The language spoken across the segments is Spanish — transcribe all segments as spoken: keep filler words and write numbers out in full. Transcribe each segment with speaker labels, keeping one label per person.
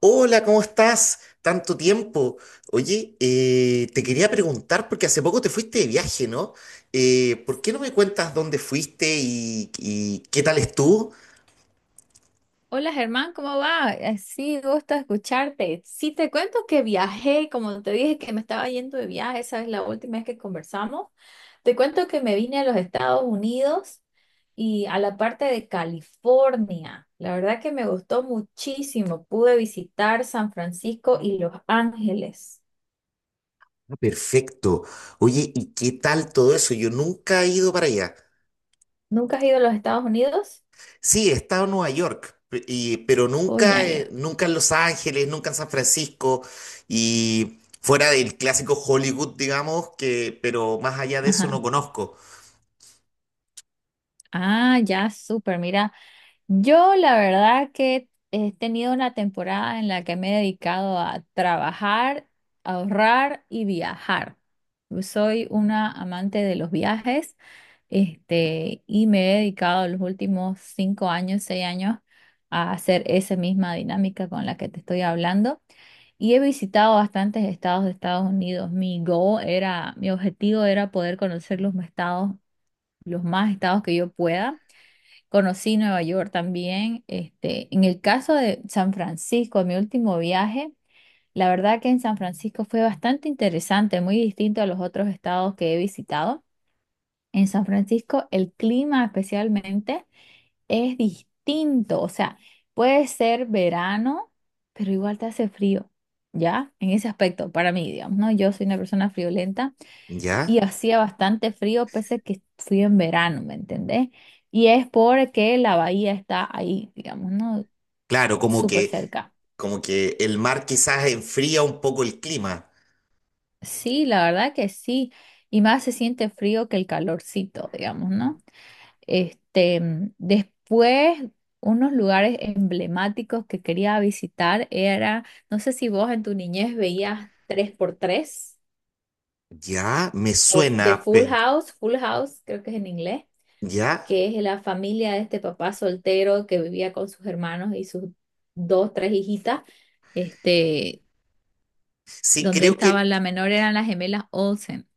Speaker 1: Hola, ¿cómo estás? Tanto tiempo. Oye, eh, te quería preguntar, porque hace poco te fuiste de viaje, ¿no? Eh, ¿por qué no me cuentas dónde fuiste y, y qué tal estuvo?
Speaker 2: Hola Germán, ¿cómo va? Eh, Sí, gusto escucharte. Sí, te cuento que viajé, como te dije que me estaba yendo de viaje, esa es la última vez que conversamos. Te cuento que me vine a los Estados Unidos y a la parte de California. La verdad que me gustó muchísimo. Pude visitar San Francisco y Los Ángeles.
Speaker 1: Ah, perfecto. Oye, ¿y qué tal todo eso? Yo nunca he ido para allá.
Speaker 2: ¿Nunca has ido a los Estados Unidos?
Speaker 1: Sí, he estado en Nueva York, pe- y- pero
Speaker 2: Oh, ya,
Speaker 1: nunca, eh,
Speaker 2: ya.
Speaker 1: nunca en Los Ángeles, nunca en San Francisco y fuera del clásico Hollywood, digamos, que, pero más allá de eso no
Speaker 2: Ajá.
Speaker 1: conozco.
Speaker 2: Ah, ya, súper. Mira, yo la verdad que he tenido una temporada en la que me he dedicado a trabajar, ahorrar y viajar. Yo soy una amante de los viajes, este, y me he dedicado los últimos cinco años, seis años a hacer esa misma dinámica con la que te estoy hablando. Y he visitado bastantes estados de Estados Unidos. Mi goal era, mi objetivo era poder conocer los estados, los más estados que yo pueda. Conocí Nueva York también. Este, en el caso de San Francisco, mi último viaje, la verdad que en San Francisco fue bastante interesante, muy distinto a los otros estados que he visitado. En San Francisco, el clima especialmente es distinto, o sea, puede ser verano, pero igual te hace frío, ¿ya? En ese aspecto, para mí, digamos, ¿no? Yo soy una persona friolenta y
Speaker 1: ¿Ya?
Speaker 2: hacía bastante frío, pese a que fui en verano, ¿me entendés? Y es porque la bahía está ahí, digamos, ¿no?
Speaker 1: Claro, como
Speaker 2: Súper
Speaker 1: que,
Speaker 2: cerca.
Speaker 1: como que el mar quizás enfría un poco el clima.
Speaker 2: Sí, la verdad que sí. Y más se siente frío que el calorcito, digamos, ¿no? Este, mm, después, unos lugares emblemáticos que quería visitar era, no sé si vos en tu niñez veías tres por tres
Speaker 1: Ya, me
Speaker 2: o The
Speaker 1: suena,
Speaker 2: Full
Speaker 1: pero
Speaker 2: House, Full House, creo que es en inglés.
Speaker 1: ya.
Speaker 2: Que es la familia de este papá soltero que vivía con sus hermanos y sus dos, tres hijitas, este,
Speaker 1: Sí,
Speaker 2: donde
Speaker 1: creo que,
Speaker 2: estaba la menor eran las gemelas Olsen.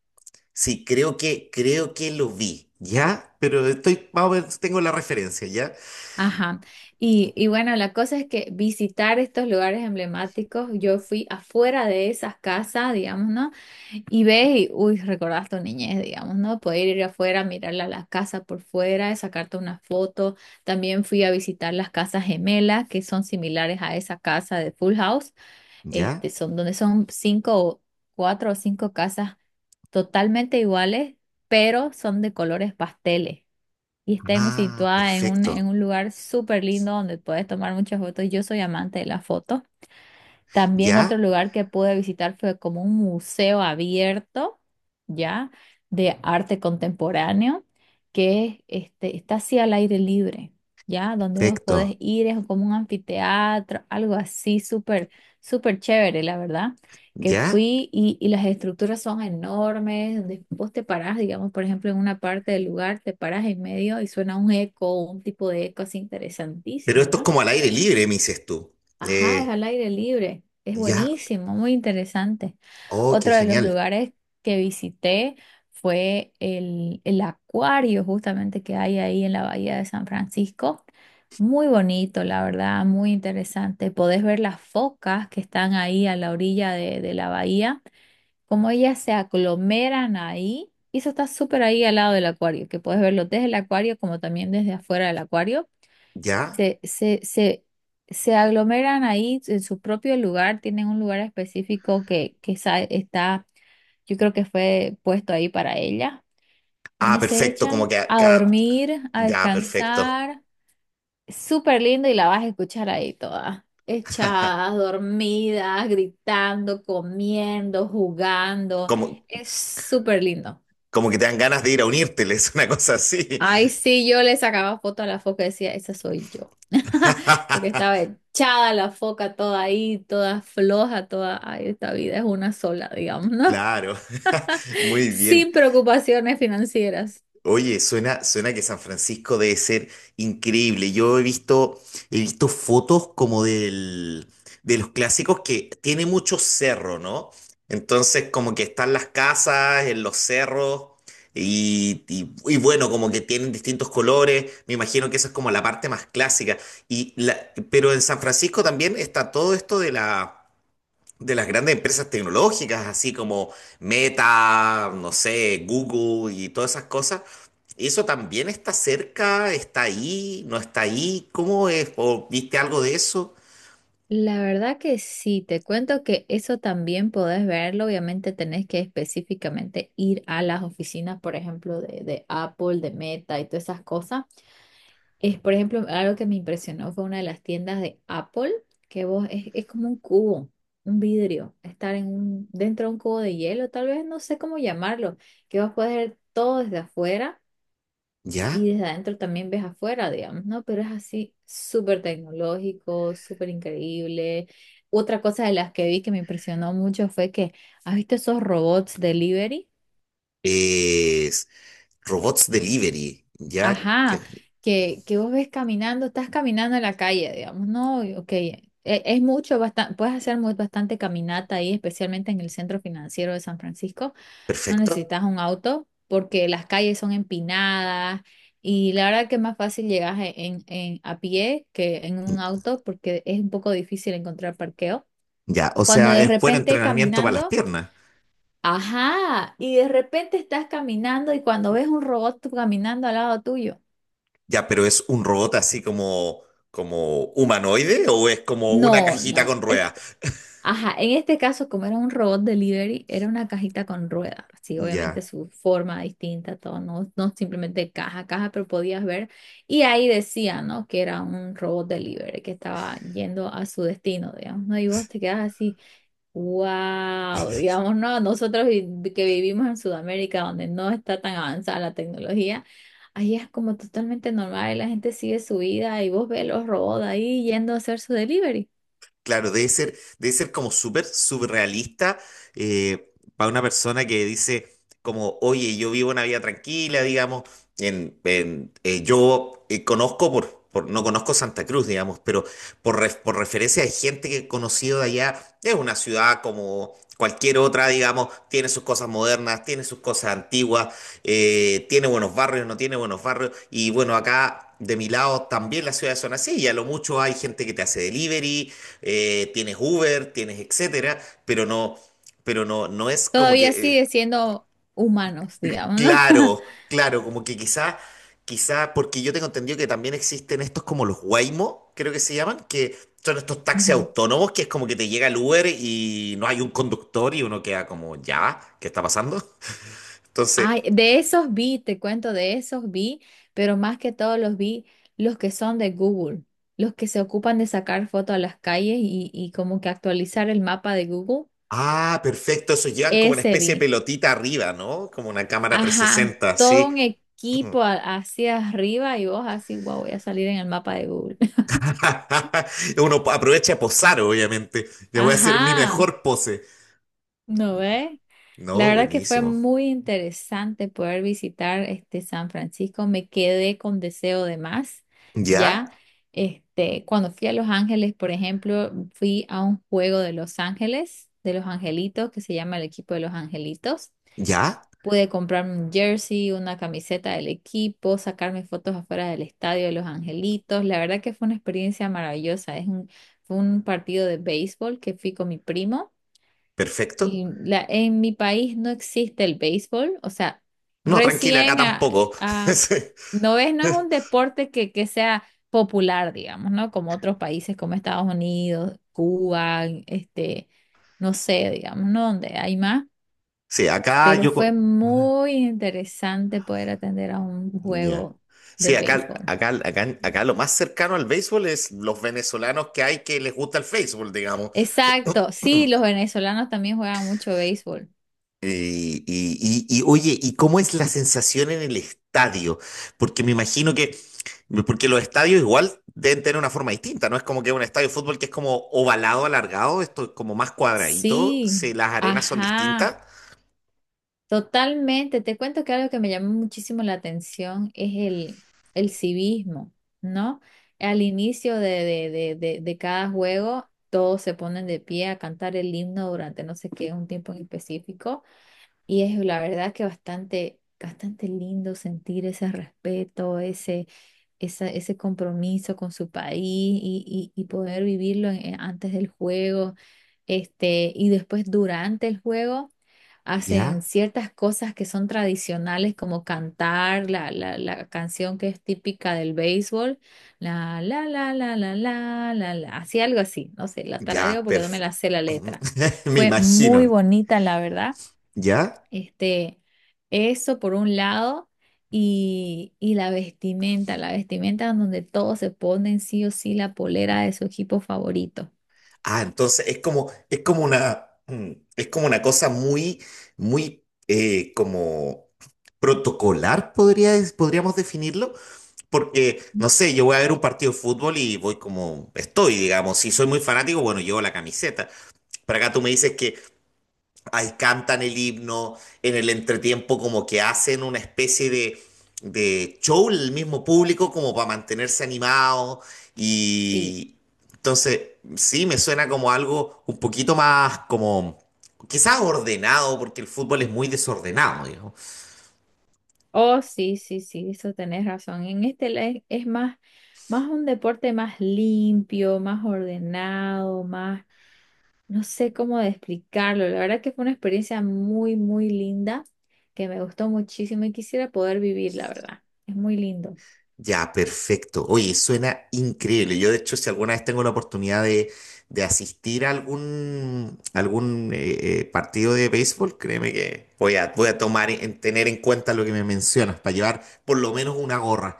Speaker 1: sí, creo que, creo que lo vi. Ya, pero estoy, más o menos tengo la referencia, ¿ya?
Speaker 2: Ajá. Y, y bueno, la cosa es que visitar estos lugares emblemáticos, yo fui afuera de esas casas, digamos, ¿no? Y ves y, uy, recordás tu niñez, digamos, ¿no? Poder ir afuera, mirar la- las casas por fuera, sacarte una foto. También fui a visitar las casas gemelas, que son similares a esa casa de Full House. este,
Speaker 1: ¿Ya?
Speaker 2: son donde son cinco, o- cuatro o cinco casas totalmente iguales, pero son de colores pasteles. Y está en-
Speaker 1: Ah,
Speaker 2: situada en un, en
Speaker 1: perfecto.
Speaker 2: un lugar súper lindo donde puedes tomar muchas fotos. Yo soy amante de la foto. También otro
Speaker 1: ¿Ya?
Speaker 2: lugar que pude visitar fue como un museo abierto, ¿ya? De arte contemporáneo, que este, está así al aire libre, ¿ya? Donde vos podés
Speaker 1: Perfecto.
Speaker 2: ir, es como un anfiteatro, algo así súper, súper chévere, la verdad. Que
Speaker 1: ¿Ya?
Speaker 2: fui y, y las estructuras son enormes, donde vos te parás, digamos, por ejemplo, en una parte del lugar, te parás en medio y suena un eco, un tipo de eco así
Speaker 1: Pero
Speaker 2: interesantísimo,
Speaker 1: esto es
Speaker 2: ¿no?
Speaker 1: como al aire libre, me dices tú.
Speaker 2: Ajá, es
Speaker 1: Eh,
Speaker 2: al aire libre. Es
Speaker 1: ya.
Speaker 2: buenísimo, muy interesante.
Speaker 1: Oh, qué
Speaker 2: Otro de los
Speaker 1: genial.
Speaker 2: lugares que visité fue el, el acuario justamente que hay ahí en la bahía de San Francisco. Muy bonito, la verdad, muy interesante. Podés ver las focas que están ahí a la orilla de, de la bahía, como ellas se aglomeran ahí. Y eso está súper ahí al lado del acuario, que podés verlo desde el acuario como también desde afuera del acuario
Speaker 1: ¿Ya?
Speaker 2: se, se, se, se aglomeran ahí en su propio lugar, tienen un lugar específico que, que sa- está, yo creo que fue puesto ahí para ella,
Speaker 1: Ah,
Speaker 2: donde se
Speaker 1: perfecto, como
Speaker 2: echan
Speaker 1: que
Speaker 2: a
Speaker 1: acá.
Speaker 2: dormir, a
Speaker 1: Ya, perfecto.
Speaker 2: descansar. Súper lindo y la vas a escuchar ahí toda. Echadas, dormidas, gritando, comiendo, jugando.
Speaker 1: Como,
Speaker 2: Es súper lindo.
Speaker 1: como que te dan ganas de ir a unírteles, una cosa así.
Speaker 2: Ay, sí, yo le sacaba foto a la foca y decía, esa soy yo. Porque estaba echada la foca toda ahí, toda floja, toda, ay, esta vida es una sola, digamos, ¿no?
Speaker 1: Claro, muy bien.
Speaker 2: Sin preocupaciones financieras.
Speaker 1: Oye, suena, suena que San Francisco debe ser increíble. Yo he visto, he visto fotos como del, de los clásicos que tiene mucho cerro, ¿no? Entonces, como que están las casas en los cerros y, y- y bueno, como que tienen distintos colores. Me imagino que esa es como la parte más clásica. Y la, pero en San Francisco también está todo esto de la de las grandes empresas tecnológicas, así como Meta, no sé, Google y todas esas cosas. ¿Eso también está cerca? ¿Está ahí? ¿No está ahí? ¿Cómo es? ¿O viste algo de eso?
Speaker 2: La verdad que sí, te cuento que eso también podés verlo. Obviamente tenés que específicamente ir a las oficinas, por ejemplo, de, de Apple, de Meta y todas esas cosas. Es, por ejemplo, algo que me impresionó fue una de las tiendas de Apple, que vos es, es como un cubo, un vidrio, estar en un, dentro de un cubo de hielo, tal vez no sé cómo llamarlo, que vos puedes ver todo desde afuera
Speaker 1: Ya.
Speaker 2: y desde adentro también ves afuera, digamos, ¿no? Pero es así súper tecnológico, súper increíble. Otra cosa de las que vi que me impresionó mucho fue que, ¿has visto esos robots delivery?
Speaker 1: Es robots delivery. Ya.
Speaker 2: Ajá,
Speaker 1: que-
Speaker 2: que, que vos ves caminando, estás caminando en la calle, digamos, ¿no? Y, Ok, e- es, mucho, bastante, puedes hacer muy, bastante caminata ahí, especialmente en el centro financiero de San Francisco. No
Speaker 1: Perfecto.
Speaker 2: necesitas un auto porque las calles son empinadas y la verdad que es más fácil llegar e, en, en, a pie que en un auto porque es un poco difícil encontrar parqueo.
Speaker 1: Ya. O
Speaker 2: Cuando
Speaker 1: sea,
Speaker 2: de
Speaker 1: es buen
Speaker 2: repente
Speaker 1: entrenamiento para las
Speaker 2: caminando...
Speaker 1: piernas.
Speaker 2: Ajá, y de repente estás caminando y cuando ves un robot tú caminando al lado tuyo.
Speaker 1: Ya, pero ¿es un robot así como, como humanoide o es como una
Speaker 2: No,
Speaker 1: cajita
Speaker 2: no.
Speaker 1: con
Speaker 2: Es-
Speaker 1: ruedas?
Speaker 2: ajá, en este caso, como era un robot delivery, era una cajita con ruedas. Sí, obviamente
Speaker 1: Ya.
Speaker 2: su forma distinta, todo, no, no simplemente caja, caja, pero podías ver. Y ahí decía, ¿no? Que era un robot delivery que estaba yendo a su destino, digamos, ¿no? Y vos te quedas así, wow, digamos, ¿no? Nosotros vi- que vivimos en Sudamérica, donde no está tan avanzada la tecnología, ahí es como totalmente normal y la gente sigue su vida y vos ves los robots ahí yendo a hacer su delivery.
Speaker 1: Claro, debe ser, debe ser como súper surrealista para una persona que dice como, oye, yo vivo una vida tranquila, digamos, en, en- eh, yo eh, conozco por, por- no conozco Santa Cruz, digamos, pero por, ref- por referencia de gente que he conocido de allá, es una ciudad como cualquier otra, digamos, tiene sus cosas modernas, tiene sus cosas antiguas, eh, tiene buenos barrios, no tiene buenos barrios. Y bueno, acá de mi lado también las ciudades son así. Y a lo mucho hay gente que te hace delivery, eh, tienes Uber, tienes etcétera, pero no, pero no, no es como que,
Speaker 2: Todavía
Speaker 1: eh,
Speaker 2: sigue siendo humanos, digamos, ¿no?
Speaker 1: claro, claro, como que quizás, quizás, porque yo tengo entendido que también existen estos como los Waymo, creo que se llaman, que son estos taxis
Speaker 2: Ujú.
Speaker 1: autónomos que es como que te llega el Uber y no hay un conductor y uno queda como, ya, ¿qué está pasando? Entonces.
Speaker 2: Ay, de esos vi, te cuento, de esos vi, pero más que todos los vi los que son de Google, los que se ocupan de sacar fotos a las calles y, y como que actualizar el mapa de Google.
Speaker 1: Ah, perfecto. Eso llevan como una
Speaker 2: Ese
Speaker 1: especie de
Speaker 2: vi.
Speaker 1: pelotita arriba, ¿no? Como una cámara trescientos
Speaker 2: Ajá,
Speaker 1: sesenta,
Speaker 2: todo
Speaker 1: sí.
Speaker 2: un equipo a- hacia arriba y vos así, wow, voy a salir en el mapa de Google.
Speaker 1: Uno aprovecha a posar, obviamente. Ya voy a hacer mi
Speaker 2: Ajá,
Speaker 1: mejor pose.
Speaker 2: ¿no ves? La
Speaker 1: No,
Speaker 2: verdad que fue
Speaker 1: buenísimo.
Speaker 2: muy interesante poder visitar este San Francisco. Me quedé con deseo de más.
Speaker 1: ¿Ya?
Speaker 2: Ya, este, cuando fui a Los Ángeles, por ejemplo, fui a un juego de Los Ángeles, de los Angelitos, que se llama el equipo de los Angelitos.
Speaker 1: ¿Ya?
Speaker 2: Pude comprarme un jersey, una camiseta del equipo, sacarme fotos afuera del estadio de los Angelitos. La verdad que fue una experiencia maravillosa. Es un, fue un partido de béisbol que fui con mi primo.
Speaker 1: ¿Perfecto?
Speaker 2: Y la, en mi país no existe el béisbol, o sea,
Speaker 1: No, tranquila, acá
Speaker 2: recién a,
Speaker 1: tampoco.
Speaker 2: a-
Speaker 1: Sí,
Speaker 2: no es, no es un deporte que, que sea popular, digamos, ¿no? Como otros países como Estados Unidos, Cuba, este, no sé, digamos, ¿no? Donde hay más,
Speaker 1: sí, acá
Speaker 2: pero
Speaker 1: yo...
Speaker 2: fue
Speaker 1: co-
Speaker 2: muy interesante poder atender a un
Speaker 1: ya.
Speaker 2: juego de
Speaker 1: Sí, acá,
Speaker 2: béisbol.
Speaker 1: acá, acá, acá lo más cercano al béisbol es los venezolanos que hay que les gusta el béisbol, digamos.
Speaker 2: Exacto, sí, los venezolanos también juegan mucho béisbol.
Speaker 1: Y, y, y, y, oye, ¿y cómo es la sensación en el estadio? Porque me imagino que, porque los estadios igual deben tener una forma distinta, ¿no? Es como que un estadio de fútbol que es como ovalado, alargado, esto es como más cuadradito,
Speaker 2: Sí,
Speaker 1: si las arenas son distintas.
Speaker 2: ajá. Totalmente, te cuento que algo que me llamó muchísimo la atención es el, el civismo, ¿no? Al inicio de, de, de, de, de cada juego, todos se ponen de pie a cantar el himno durante no sé qué, un tiempo en específico. Y es la verdad que bastante, bastante lindo sentir ese respeto, ese, esa- ese compromiso con su país y, y- y poder vivirlo en- en- antes del juego, este, y después durante el juego hacen
Speaker 1: Ya,
Speaker 2: ciertas cosas que son tradicionales como cantar la, la, la canción que es típica del béisbol, la la la la la la la la, así algo así, no sé, la tarareo
Speaker 1: ya,
Speaker 2: porque no me
Speaker 1: perfecto.
Speaker 2: la sé la letra.
Speaker 1: Me
Speaker 2: Fue
Speaker 1: imagino,
Speaker 2: muy bonita, la verdad.
Speaker 1: ¿ya?
Speaker 2: Este, eso por un lado, y, y la vestimenta, la vestimenta en donde todos se ponen sí o sí la polera de su equipo favorito.
Speaker 1: Ah, entonces es como, es como una, mm, es como una cosa muy, muy, eh, como protocolar, podría, podríamos definirlo. Porque, no sé, yo voy a ver un partido de fútbol y voy como estoy, digamos. Si soy muy fanático, bueno, llevo la camiseta. Pero acá tú me dices que ahí cantan el himno, en el entretiempo como que hacen una especie de, de show el mismo público como para mantenerse animado.
Speaker 2: Sí.
Speaker 1: Y entonces, sí, me suena como algo un poquito más como, quizás ordenado, porque el fútbol es muy desordenado,
Speaker 2: Oh, sí, sí, sí, eso tenés razón. En este le- es más, más un deporte más limpio, más ordenado, más, no sé cómo de explicarlo. La verdad que fue una experiencia muy, muy linda, que me gustó muchísimo y quisiera poder vivir, la verdad. Es muy lindo.
Speaker 1: ya, perfecto. Oye, suena increíble. Yo, de hecho, si alguna vez tengo la oportunidad de, de asistir a algún, algún eh, eh, partido de béisbol, créeme que voy a, voy a tomar en tener en cuenta lo que me mencionas para llevar por lo menos una gorra.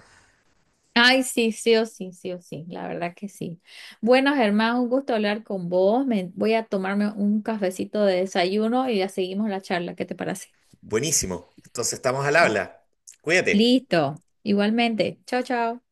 Speaker 2: Ay, sí, sí o sí, sí o sí, la verdad que sí. Bueno, Germán, un gusto hablar con vos. Me, voy a tomarme un cafecito de desayuno y ya seguimos la charla. ¿Qué te parece?
Speaker 1: Buenísimo. Entonces estamos al habla. Cuídate.
Speaker 2: Listo, igualmente. Chao, chao.